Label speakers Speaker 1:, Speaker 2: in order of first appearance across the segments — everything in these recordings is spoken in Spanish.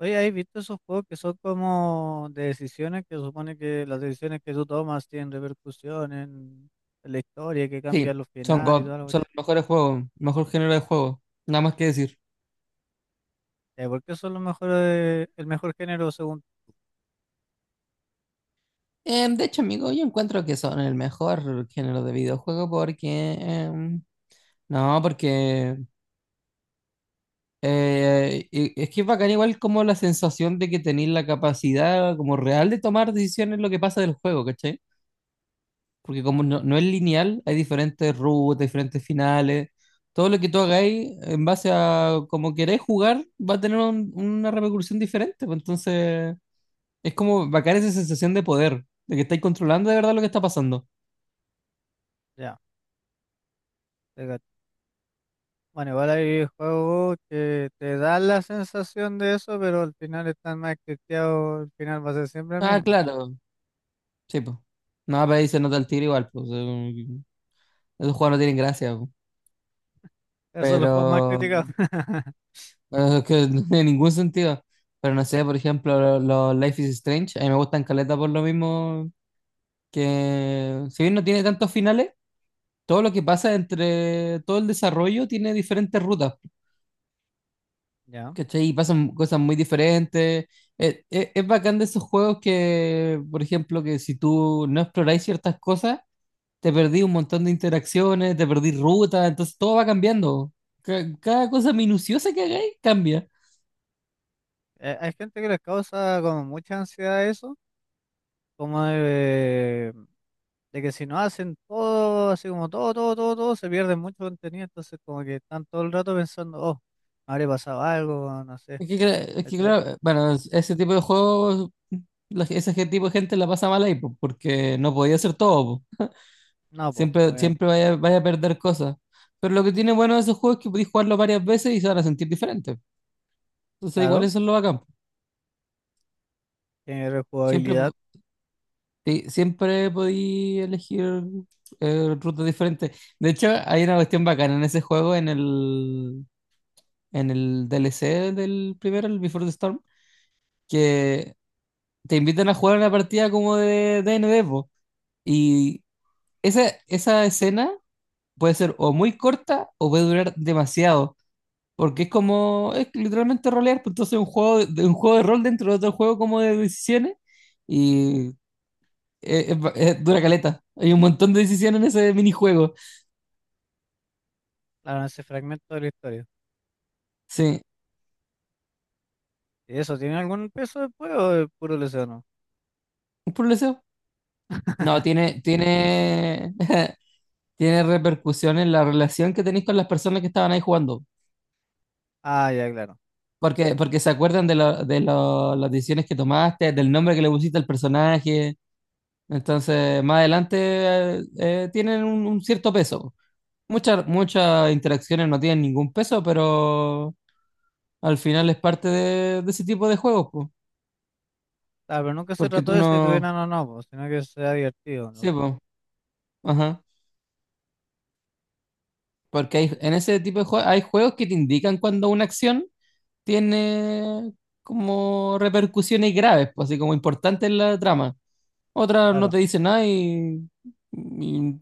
Speaker 1: Oye, ¿has visto esos juegos que son como de decisiones que supone que las decisiones que tú tomas tienen repercusión en la historia, que
Speaker 2: Sí,
Speaker 1: cambian los
Speaker 2: son
Speaker 1: finales y
Speaker 2: God,
Speaker 1: todo lo que...
Speaker 2: son los mejores juegos, mejor género de juego, nada más que decir.
Speaker 1: Ya, ¿por qué son los mejores, el mejor género según...
Speaker 2: De hecho, amigo, yo encuentro que son el mejor género de videojuego, porque no, porque es que es bacán igual como la sensación de que tenéis la capacidad como real de tomar decisiones en lo que pasa del juego, ¿cachai? Porque como no es lineal, hay diferentes rutas, diferentes finales. Todo lo que tú hagáis en base a como queréis jugar va a tener una repercusión diferente, pues. Entonces, es como bacán esa sensación de poder, de que estáis controlando de verdad lo que está pasando.
Speaker 1: Ya, te cacho. Bueno, igual hay juegos que te dan la sensación de eso, pero al final están más criticados, el final va a ser siempre el
Speaker 2: Ah,
Speaker 1: mismo.
Speaker 2: claro, sí, pues. No, pero ahí se nota el tiro igual, pues. Esos juegos no tienen gracia, po.
Speaker 1: Esos son los juegos más
Speaker 2: Pero,
Speaker 1: criticados.
Speaker 2: pero es que no tiene ningún sentido. Pero no sé, por ejemplo, los Life is Strange, a mí me gustan caleta por lo mismo que, si bien no tiene tantos finales, todo lo que pasa entre todo el desarrollo tiene diferentes rutas.
Speaker 1: Ya.
Speaker 2: ¿Cachai? Y pasan cosas muy diferentes. Es bacán de esos juegos que, por ejemplo, que si tú no exploráis ciertas cosas, te perdí un montón de interacciones, te perdí ruta, entonces todo va cambiando. Cada cosa minuciosa que hagáis cambia.
Speaker 1: Hay gente que les causa como mucha ansiedad eso, como de que si no hacen todo, así como todo, todo, todo, todo, se pierde mucho contenido, entonces como que están todo el rato pensando, oh, me habría pasado algo, no sé,
Speaker 2: Es que, es que
Speaker 1: ¿cachai?
Speaker 2: claro, bueno, ese tipo de juegos, tipo de gente la pasa mal ahí, po, porque no podía hacer todo, po.
Speaker 1: No, pues,
Speaker 2: Siempre,
Speaker 1: obviamente,
Speaker 2: siempre vaya a perder cosas. Pero lo que tiene bueno de esos juegos es que podéis jugarlo varias veces y se van a sentir diferentes. Entonces igual
Speaker 1: claro,
Speaker 2: eso es lo bacán.
Speaker 1: tiene
Speaker 2: Siempre,
Speaker 1: rejugabilidad,
Speaker 2: sí, siempre podí elegir rutas diferentes. De hecho, hay una cuestión bacana en ese juego, en el DLC del primero, el Before the Storm, que te invitan a jugar una partida como de D&D, po. Y esa escena puede ser o muy corta o puede durar demasiado. Porque es como, es literalmente rolear, pues entonces un juego, un juego de rol dentro de otro juego como de decisiones. Y es dura caleta. Hay un montón de decisiones en ese minijuego.
Speaker 1: claro, ese fragmento de la historia.
Speaker 2: Sí,
Speaker 1: ¿Y eso tiene algún peso después o es puro leseno?
Speaker 2: un problema. No, tiene repercusión en la relación que tenéis con las personas que estaban ahí jugando.
Speaker 1: Ah, ya, claro.
Speaker 2: Porque se acuerdan de las decisiones que tomaste, del nombre que le pusiste al personaje. Entonces, más adelante tienen un cierto peso. Muchas interacciones no tienen ningún peso, pero al final es parte de ese tipo de juegos, po.
Speaker 1: Claro, pero nunca se
Speaker 2: Porque
Speaker 1: trató
Speaker 2: tú
Speaker 1: de si
Speaker 2: no.
Speaker 1: tuvieran o no, pues, sino que sea divertido, ¿no?
Speaker 2: Sí, po. Ajá. Porque en ese tipo de juegos hay juegos que te indican cuando una acción tiene como repercusiones graves, pues, así como importantes en la trama. Otra no
Speaker 1: Claro.
Speaker 2: te dice nada, y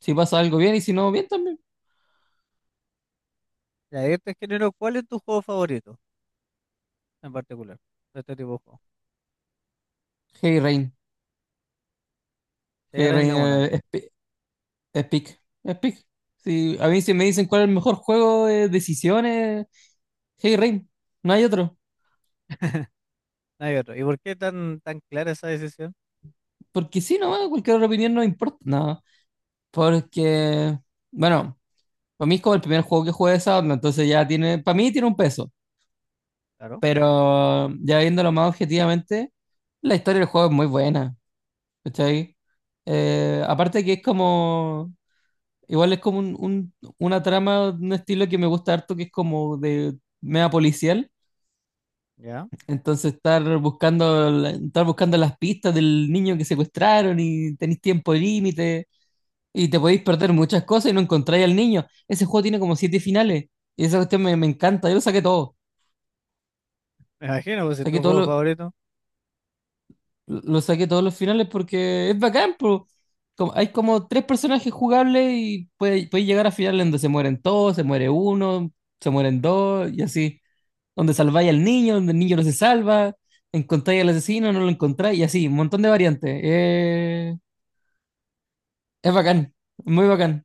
Speaker 2: si pasa algo, bien, y si no, bien también.
Speaker 1: Y ahí te género, ¿cuál es tu juego favorito en particular de este tipo de juego?
Speaker 2: Hey Rain.
Speaker 1: Si hay
Speaker 2: Hey Rain,
Speaker 1: de una,
Speaker 2: es pick. Es pick. Sí, a mí si me dicen cuál es el mejor juego de decisiones, Hey Rain. No hay otro.
Speaker 1: no hay otro. ¿Y por qué tan, tan clara esa decisión?
Speaker 2: Porque si no, cualquier otra opinión no importa. No. Porque, bueno, para mí es como el primer juego que jugué de esa, entonces ya tiene, para mí tiene un peso,
Speaker 1: Claro,
Speaker 2: pero ya viéndolo más objetivamente, la historia del juego es muy buena, ¿cachai? Aparte que es como, igual es como una trama, un estilo que me gusta harto, que es como de media policial,
Speaker 1: ya.
Speaker 2: entonces estar buscando, estar buscando las pistas del niño que secuestraron y tenéis tiempo límite y te podéis perder muchas cosas y no encontráis al niño. Ese juego tiene como siete finales y esa cuestión me encanta, yo lo saqué todo.
Speaker 1: Me imagino, pues si
Speaker 2: Saqué
Speaker 1: tu
Speaker 2: todos
Speaker 1: juego
Speaker 2: los,
Speaker 1: favorito.
Speaker 2: lo saqué todos los finales porque es bacán, pero hay como tres personajes jugables y puede llegar a finales donde se mueren todos, se muere uno, se mueren dos y así. Donde salváis al niño, donde el niño no se salva, encontráis al asesino, no lo encontráis y así, un montón de variantes. Es bacán, muy bacán.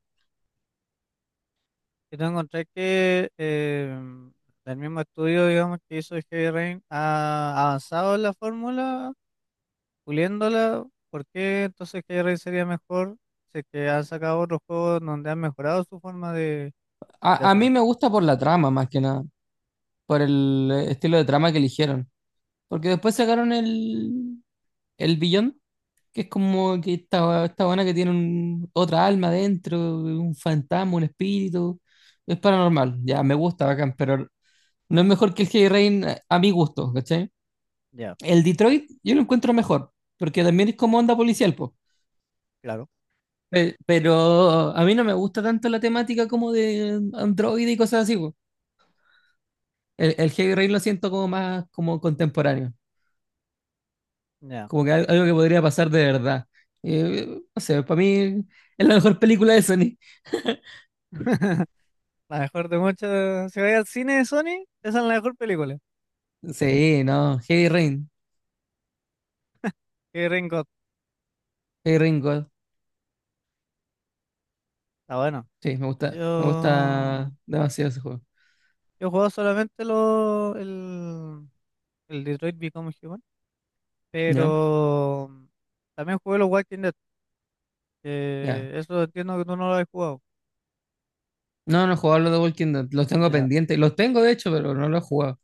Speaker 1: Y tú encontrás que el mismo estudio, digamos, que hizo Heavy Rain ha avanzado en la fórmula, puliéndola. ¿Por qué entonces Heavy Rain sería mejor si es que han sacado otros juegos donde han mejorado su forma de
Speaker 2: A mí
Speaker 1: hacerlo?
Speaker 2: me gusta por la trama más que nada, por el estilo de trama que eligieron. Porque después sacaron el, Beyond, que es como que esta buena que tiene otra alma dentro, un fantasma, un espíritu. Es paranormal. Ya, me gusta, bacán, pero no es mejor que el Heavy Rain, a mi gusto, ¿cachai?
Speaker 1: Ya,
Speaker 2: El Detroit yo lo encuentro mejor, porque también es como onda policial, po.
Speaker 1: claro,
Speaker 2: Pero a mí no me gusta tanto la temática como de Android y cosas así, po. El Heavy Rain lo siento como más como contemporáneo,
Speaker 1: ya.
Speaker 2: como que algo que podría pasar de verdad. No sé, para mí es la mejor película de Sony.
Speaker 1: La mejor de muchas. Si vais al cine de Sony, esa es la mejor película.
Speaker 2: Sí, no, Heavy Rain,
Speaker 1: Que Rain God.
Speaker 2: Heavy Rain God.
Speaker 1: Está bueno.
Speaker 2: Sí, me gusta
Speaker 1: Yo.
Speaker 2: demasiado ese juego.
Speaker 1: Yo he jugado solamente el Detroit Become Human.
Speaker 2: ¿Ya?
Speaker 1: Pero también jugué los Walking Dead,
Speaker 2: Ya.
Speaker 1: que eso entiendo que tú no lo has jugado.
Speaker 2: No, no he jugado los de Walking Dead, los tengo
Speaker 1: Ya.
Speaker 2: pendientes. Los tengo, de hecho, pero no los he jugado.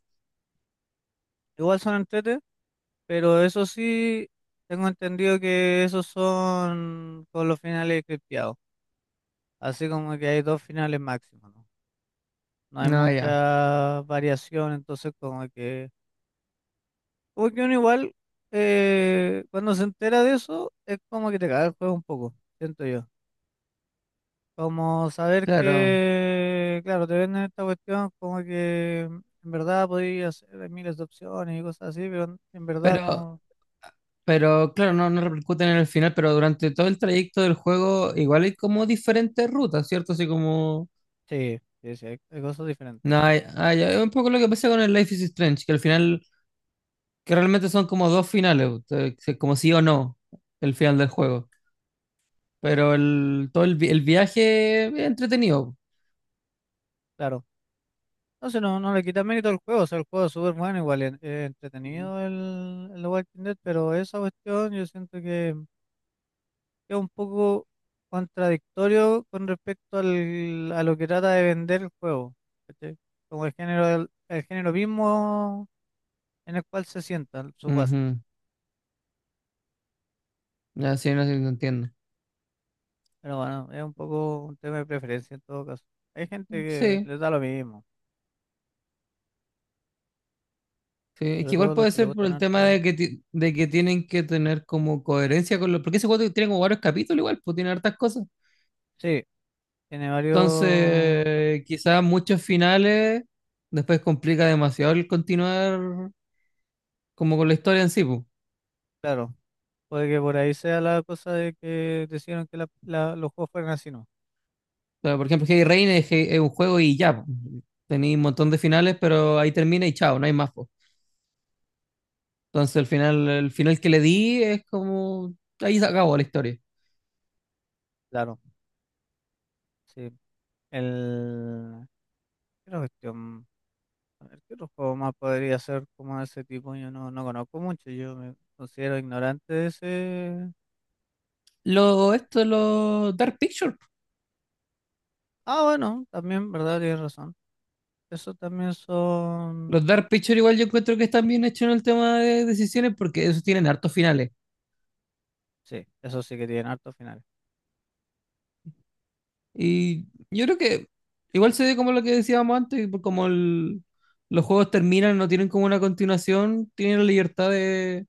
Speaker 1: Igual son entrete, pero eso sí, tengo entendido que esos son con los finales cripteados. Así como que hay dos finales máximos, ¿no? No hay
Speaker 2: No, ya,
Speaker 1: mucha variación, entonces como que... Como que uno igual, cuando se entera de eso, es como que te caga el juego un poco, siento yo. Como saber
Speaker 2: claro.
Speaker 1: que, claro, te venden esta cuestión como que en verdad podías hacer miles de opciones y cosas así, pero en verdad
Speaker 2: Pero,
Speaker 1: no.
Speaker 2: pero claro, no, no repercuten en el final, pero durante todo el trayecto del juego igual hay como diferentes rutas, ¿cierto? Así como...
Speaker 1: Sí, sí, sí, hay cosas diferentes.
Speaker 2: No, ah, ya, es un poco lo que pasa con el Life is Strange, que al final, que realmente son como dos finales, o sea, como sí o no, el final del juego. Pero todo el viaje es entretenido.
Speaker 1: Claro. Entonces no le quita mérito al juego, o sea, el juego es súper bueno, igual es entretenido el The Walking Dead, pero esa cuestión yo siento que es un poco contradictorio con respecto a lo que trata de vender el juego, ¿cachai? Como el género, el género mismo en el cual se sientan sus bases.
Speaker 2: Ujú. Ya, sí, no, sí, lo entiendo.
Speaker 1: Pero bueno, es un poco un tema de preferencia en todo caso. Hay gente que
Speaker 2: Sí,
Speaker 1: les da lo mismo,
Speaker 2: sí. Es
Speaker 1: sobre
Speaker 2: que igual
Speaker 1: todo los
Speaker 2: puede
Speaker 1: que le
Speaker 2: ser por
Speaker 1: gustan
Speaker 2: el tema
Speaker 1: harto.
Speaker 2: de que, de que tienen que tener como coherencia con los... Porque ese juego tiene como varios capítulos igual, pues, tiene hartas cosas.
Speaker 1: Sí, tiene varios.
Speaker 2: Entonces, quizás muchos finales después complica demasiado el continuar como con la historia en sí, pues.
Speaker 1: Claro, puede que por ahí sea la cosa de que decidieron que los juegos fueran así, ¿no?
Speaker 2: O sea, por ejemplo, Heavy Rain es un juego y ya, pues. Tenéis un montón
Speaker 1: Ya,
Speaker 2: de finales, pero ahí termina y chao, no hay más, pues. Entonces el final que le di es como, ahí se acabó la historia.
Speaker 1: claro, sí. El... ¿Qué otra cuestión? A ver, ¿qué otro juego más podría ser como de ese tipo? Yo no conozco mucho, yo me considero ignorante de ese...
Speaker 2: Los Dark Pictures.
Speaker 1: Ah, bueno, también, ¿verdad? Tienes razón. Eso también son...
Speaker 2: Los Dark Pictures igual yo encuentro que están bien hechos en el tema de decisiones porque esos tienen hartos finales.
Speaker 1: Sí, eso sí que tienen hartos finales.
Speaker 2: Y yo creo que igual se ve como lo que decíamos antes, como los juegos terminan, no tienen como una continuación, tienen la libertad de,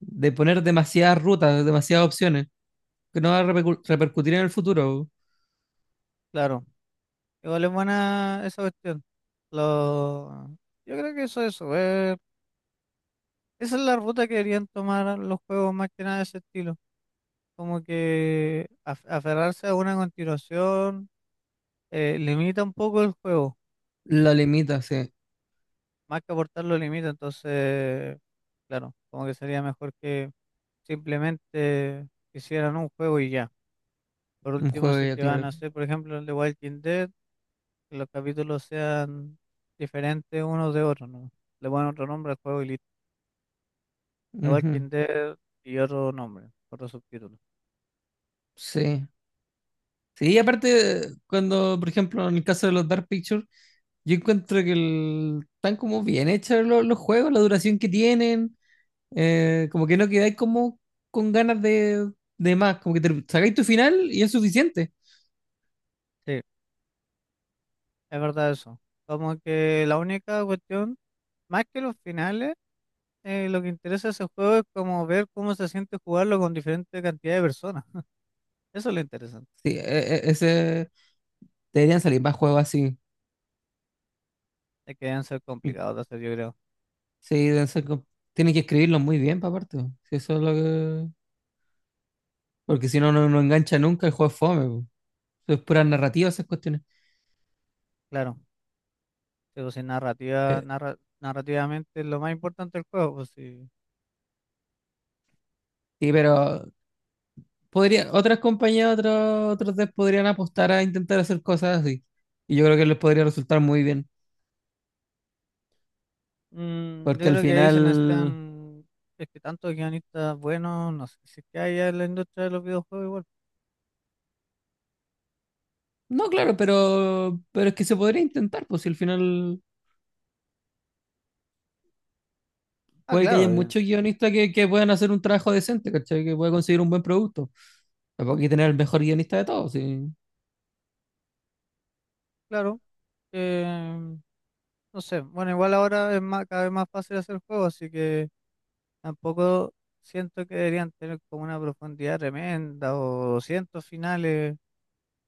Speaker 2: poner demasiadas rutas, demasiadas opciones, que no va a repercutir en el futuro.
Speaker 1: Claro, igual es buena esa cuestión. Lo... Yo creo que eso. Esa es la ruta que deberían tomar los juegos más que nada de ese estilo. Como que aferrarse a una continuación limita un poco el juego,
Speaker 2: La limita, sí.
Speaker 1: más que aportarlo limita. Entonces, claro, como que sería mejor que simplemente hicieran un juego y ya. Por
Speaker 2: Un
Speaker 1: último, si
Speaker 2: juego,
Speaker 1: es
Speaker 2: ya,
Speaker 1: que van a
Speaker 2: claro.
Speaker 1: hacer, por ejemplo, el de Walking Dead, que los capítulos sean diferentes unos de otros, ¿no? Le ponen otro nombre al juego y listo. The
Speaker 2: Ujú.
Speaker 1: Walking Dead y otro nombre, otro subtítulo.
Speaker 2: Sí. Sí, aparte, cuando, por ejemplo, en el caso de los Dark Pictures, yo encuentro que están como bien hechos los juegos, la duración que tienen, como que no quedáis como con ganas de más, como que te sacáis tu final y es suficiente.
Speaker 1: Sí, es verdad eso. Como que la única cuestión, más que los finales, lo que interesa a ese juego es como ver cómo se siente jugarlo con diferente cantidad de personas. Eso es lo interesante.
Speaker 2: Sí, deberían salir más juegos así.
Speaker 1: Es que deben ser complicados de hacer, yo creo.
Speaker 2: Sí, deben ser tienen que escribirlos muy bien, pa' aparte, po. Sí, eso es lo que... Porque si no, engancha nunca, el juego es fome, po. Eso es pura narrativa esas cuestiones.
Speaker 1: Claro, pero si narrativa,
Speaker 2: Eh,
Speaker 1: narrativamente es lo más importante del juego, pues sí.
Speaker 2: sí, pero podría, otras compañías, otros devs podrían apostar a intentar hacer cosas así. Y yo creo que les podría resultar muy bien.
Speaker 1: Yo
Speaker 2: Porque al
Speaker 1: creo que ahí se
Speaker 2: final.
Speaker 1: necesitan, es que tantos guionistas buenos, no sé si es que hay en la industria de los videojuegos igual.
Speaker 2: No, claro, pero es que se podría intentar, pues, si al final
Speaker 1: Ah,
Speaker 2: puede que haya
Speaker 1: claro,
Speaker 2: muchos guionistas que puedan hacer un trabajo decente, ¿cachai? Que puedan conseguir un buen producto. Tampoco hay que tener el mejor guionista de todos, sí.
Speaker 1: claro. eh, no sé, bueno, igual ahora es más, cada vez más fácil hacer juegos, así que tampoco siento que deberían tener como una profundidad tremenda o cientos finales,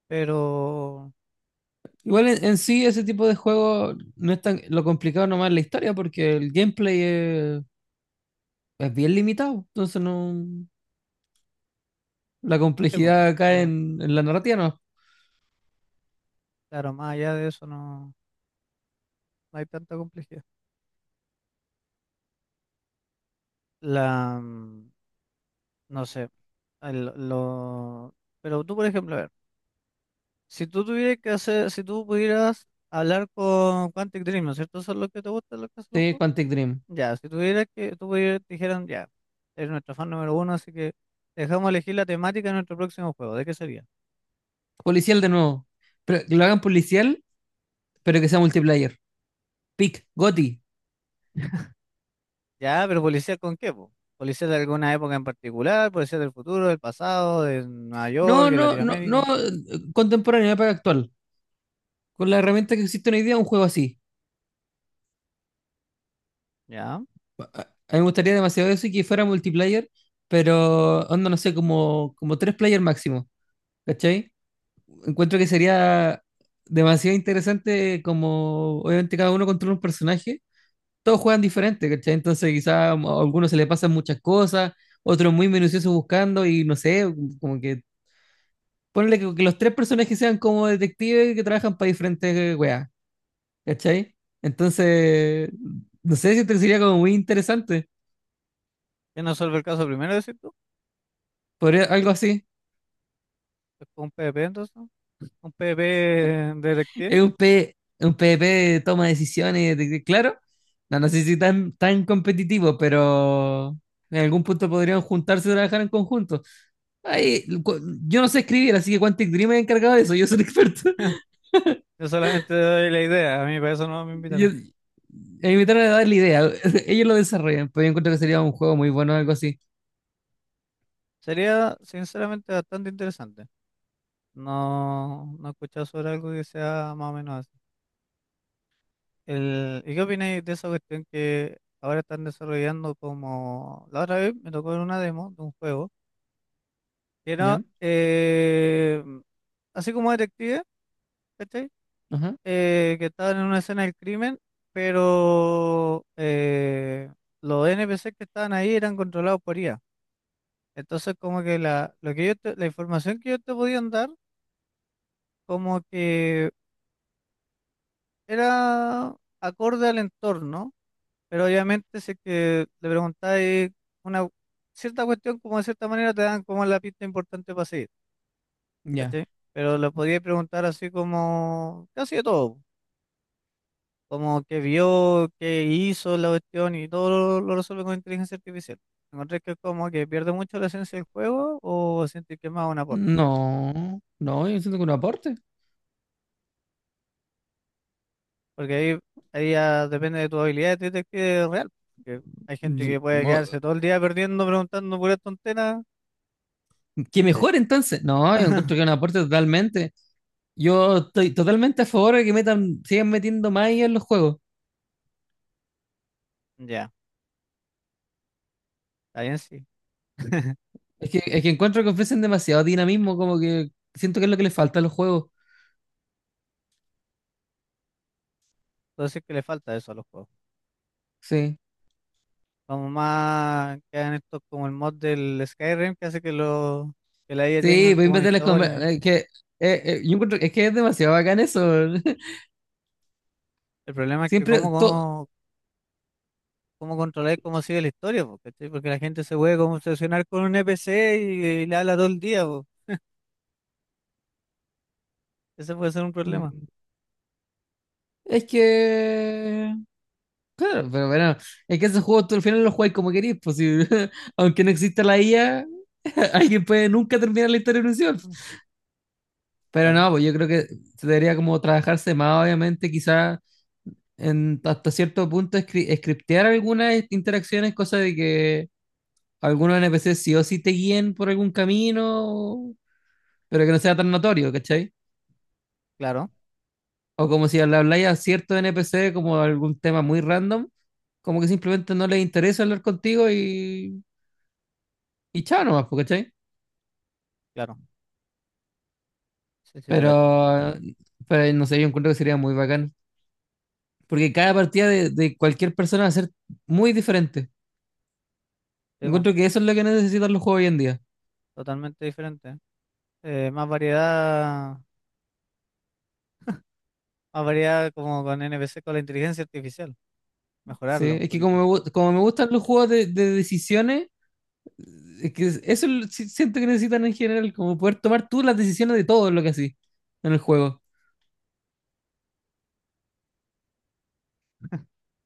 Speaker 1: pero
Speaker 2: Igual en sí ese tipo de juego no es tan lo complicado, nomás la historia, porque el gameplay es bien limitado. Entonces, no, la
Speaker 1: sí, po,
Speaker 2: complejidad
Speaker 1: la
Speaker 2: cae
Speaker 1: verdad.
Speaker 2: en la narrativa nomás.
Speaker 1: Claro, más allá de eso no hay tanta complejidad. La, mm, no sé, el- lo, pero tú, por ejemplo, a ver. Si tú tuvieras que hacer, si tú pudieras hablar con Quantic Dream, ¿no es cierto? ¿Eso es lo que te gusta, lo que hacen los
Speaker 2: Sí,
Speaker 1: juegos?
Speaker 2: Quantic Dream.
Speaker 1: Ya, si tuvieras que, tú pudieras, te dijeran, ya, eres nuestro fan número uno, así que te dejamos elegir la temática de nuestro próximo juego, ¿de qué sería?
Speaker 2: Policial de nuevo. Pero que lo hagan policial, pero que sea multiplayer. Pick Goti.
Speaker 1: Ya, ¿pero policía con qué, po? ¿Policía de alguna época en particular? ¿Policía del futuro, del pasado, de Nueva York,
Speaker 2: No,
Speaker 1: de
Speaker 2: no, no, no,
Speaker 1: Latinoamérica?
Speaker 2: contemporáneo, época actual. Con la herramienta que existe hoy día, un juego así.
Speaker 1: Ya.
Speaker 2: A mí me gustaría demasiado eso y que fuera multiplayer, pero onda, no sé, como, tres player máximo. ¿Cachai? Encuentro que sería demasiado interesante como obviamente cada uno controla un personaje, todos juegan diferente, ¿cachai? Entonces quizá a algunos se les pasan muchas cosas, otros muy minuciosos buscando, y no sé, como que ponle que, los tres personajes sean como detectives que trabajan para diferentes weas, ¿cachai? Entonces, no sé si te sería como muy interesante,
Speaker 1: ¿Quién resuelve el caso primero, decir tú?
Speaker 2: podría, algo así.
Speaker 1: ¿Es un PvP entonces? ¿No? ¿Un PvP detective?
Speaker 2: Es un PvP de toma de decisiones, claro, no, no sé si tan, tan competitivo, pero en algún punto podrían juntarse y trabajar en conjunto. Ay, yo no sé escribir, así que Quantic Dream es encargado de eso, yo soy un experto.
Speaker 1: Yo solamente doy la idea, a mí para eso no me invitaron.
Speaker 2: A mí me trataron de dar la idea, ellos lo desarrollan, pero yo encuentro que sería un juego muy bueno, algo así.
Speaker 1: Sería sinceramente bastante interesante. No, no he escuchado sobre algo que sea más o menos así. ¿Y qué opináis de esa cuestión que ahora están desarrollando como... La otra vez me tocó en una demo de un juego que era
Speaker 2: ¿Ya?
Speaker 1: así como detective, ¿cachai?
Speaker 2: Ajá.
Speaker 1: Que estaban en una escena del crimen, pero los NPC que estaban ahí eran controlados por IA. Entonces, como que lo que la información que ellos te podían dar, como que era acorde al entorno, pero obviamente si es que le preguntáis una cierta cuestión, como de cierta manera te dan como la pista importante para seguir,
Speaker 2: Ya.
Speaker 1: ¿cachai? Pero le podíais preguntar así como casi de todo, como qué vio, qué hizo la cuestión y todo lo resuelve con inteligencia artificial. ¿Encontré que como que pierde mucho la esencia del juego o sentís que es más un aporte?
Speaker 2: No, no, yo siento que un aporte.
Speaker 1: Porque ahí ya depende de tu habilidad de detective real. Porque hay gente
Speaker 2: Yo-
Speaker 1: que puede
Speaker 2: mo-
Speaker 1: quedarse todo el día perdiendo, preguntando puras tonteras,
Speaker 2: Que
Speaker 1: ¿cachai?
Speaker 2: mejor entonces. No, yo encuentro que es un aporte totalmente. Yo estoy totalmente a favor de que metan, sigan metiendo más IA en los juegos.
Speaker 1: Ya, está bien sí.
Speaker 2: Es que encuentro que ofrecen demasiado dinamismo, como que siento que es lo que les falta a los juegos.
Speaker 1: Entonces que le falta eso a los juegos.
Speaker 2: Sí.
Speaker 1: Como más que hagan esto como el mod del Skyrim que hace que lo que la IA
Speaker 2: Sí,
Speaker 1: tengan
Speaker 2: voy a
Speaker 1: como una
Speaker 2: inventar las
Speaker 1: historia, ¿no?
Speaker 2: es que es demasiado bacán eso.
Speaker 1: El problema es que
Speaker 2: Siempre
Speaker 1: cómo,
Speaker 2: todo.
Speaker 1: cómo, cómo controlar cómo sigue la historia, po, ¿cachai? Porque la gente se puede como obsesionar con un NPC y, le habla todo el día, po. Ese puede ser un problema.
Speaker 2: Es que. Claro, pero bueno, es que esos juegos tú al final los juegas como querís, pues, aunque no exista la IA, alguien puede nunca terminar la historia de un Sims.
Speaker 1: Mm,
Speaker 2: Pero
Speaker 1: Claro,
Speaker 2: no, pues yo creo que se debería como trabajarse más, obviamente, quizá en hasta cierto punto scriptear algunas interacciones, cosa de que algunos NPCs sí o sí te guíen por algún camino, pero que no sea tan notorio, ¿cachai?
Speaker 1: claro,
Speaker 2: O como si le habláis a cierto NPC como algún tema muy random, como que simplemente no les interesa hablar contigo, y chao nomás, po, ¿cachai?
Speaker 1: claro. Sí, sí, te cacho.
Speaker 2: Pero, pero no sé, yo encuentro que sería muy bacán. Porque cada partida de cualquier persona va a ser muy diferente.
Speaker 1: Sí, po,
Speaker 2: Encuentro que eso es lo que necesitan los juegos hoy en día.
Speaker 1: totalmente diferente. Más variedad, más variedad como con NPC, con la inteligencia artificial.
Speaker 2: Sí,
Speaker 1: Mejorarlo un
Speaker 2: es que como
Speaker 1: poquito.
Speaker 2: como me gustan los juegos de decisiones, es que eso es siento que necesitan en general, como poder tomar tú las decisiones de todo lo que así en el juego.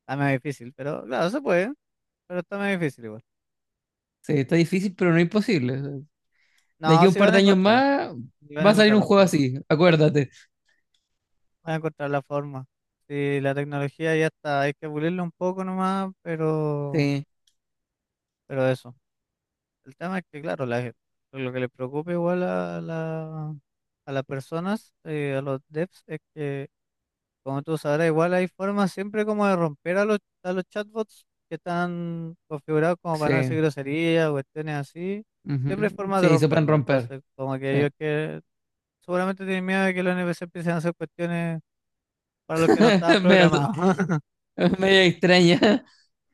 Speaker 1: Está más difícil, pero claro, se puede, pero está más difícil igual.
Speaker 2: Sí, está difícil, pero no imposible. De aquí
Speaker 1: No,
Speaker 2: a un
Speaker 1: si
Speaker 2: par
Speaker 1: van a
Speaker 2: de años
Speaker 1: encontrar,
Speaker 2: más
Speaker 1: si van a
Speaker 2: va a salir
Speaker 1: encontrar
Speaker 2: un
Speaker 1: la
Speaker 2: juego
Speaker 1: forma,
Speaker 2: así, acuérdate.
Speaker 1: van a encontrar la forma. Si la tecnología ya está, hay que pulirla un poco nomás, pero,
Speaker 2: Sí,
Speaker 1: pero eso. El tema es que, claro, lo que les preocupa igual a las personas, a los devs, es que como tú sabrás, igual hay formas siempre como de romper a los chatbots que están configurados como para no decir
Speaker 2: sí.
Speaker 1: groserías o cuestiones así. Siempre hay
Speaker 2: Ujú.
Speaker 1: formas de
Speaker 2: Sí, se pueden
Speaker 1: romperlo.
Speaker 2: romper.
Speaker 1: Entonces, como que
Speaker 2: Sí.
Speaker 1: ellos que seguramente tienen miedo de que los NPC empiecen a hacer cuestiones para los que no estaban
Speaker 2: Media,
Speaker 1: programados.
Speaker 2: media extraña,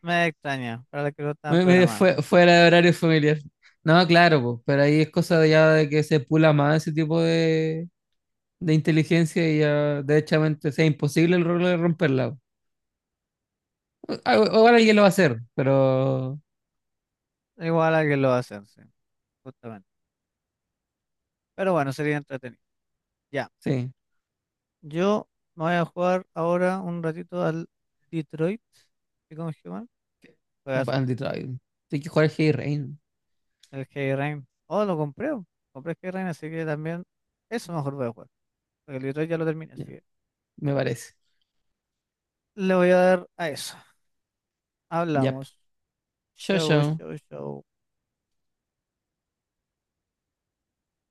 Speaker 1: Me extraña, para los que no estaban programados.
Speaker 2: fuera de horario familiar. No, claro, po, pero ahí es cosa de ya de que se pula más ese tipo de inteligencia y ya derechamente sea imposible el rol de romperla, po. Ah, ahora alguien lo va a hacer, pero
Speaker 1: Igual a que lo hacen, sí, justamente. Pero bueno, sería entretenido. Ya,
Speaker 2: sí,
Speaker 1: yo me voy a jugar ahora un ratito al Detroit. ¿Y cómo se llama? Juegazo.
Speaker 2: Bandit Island. Hay que jugar Heavy Rain,
Speaker 1: El Heavy Rain. Oh, lo compré. Oh. Compré el Heavy Rain, así que también eso mejor voy a jugar. Porque el Detroit ya lo terminé, así
Speaker 2: ya,
Speaker 1: que
Speaker 2: me parece.
Speaker 1: le voy a dar a eso.
Speaker 2: Ya.
Speaker 1: Hablamos.
Speaker 2: Chao,
Speaker 1: Show,
Speaker 2: chao.
Speaker 1: show, show.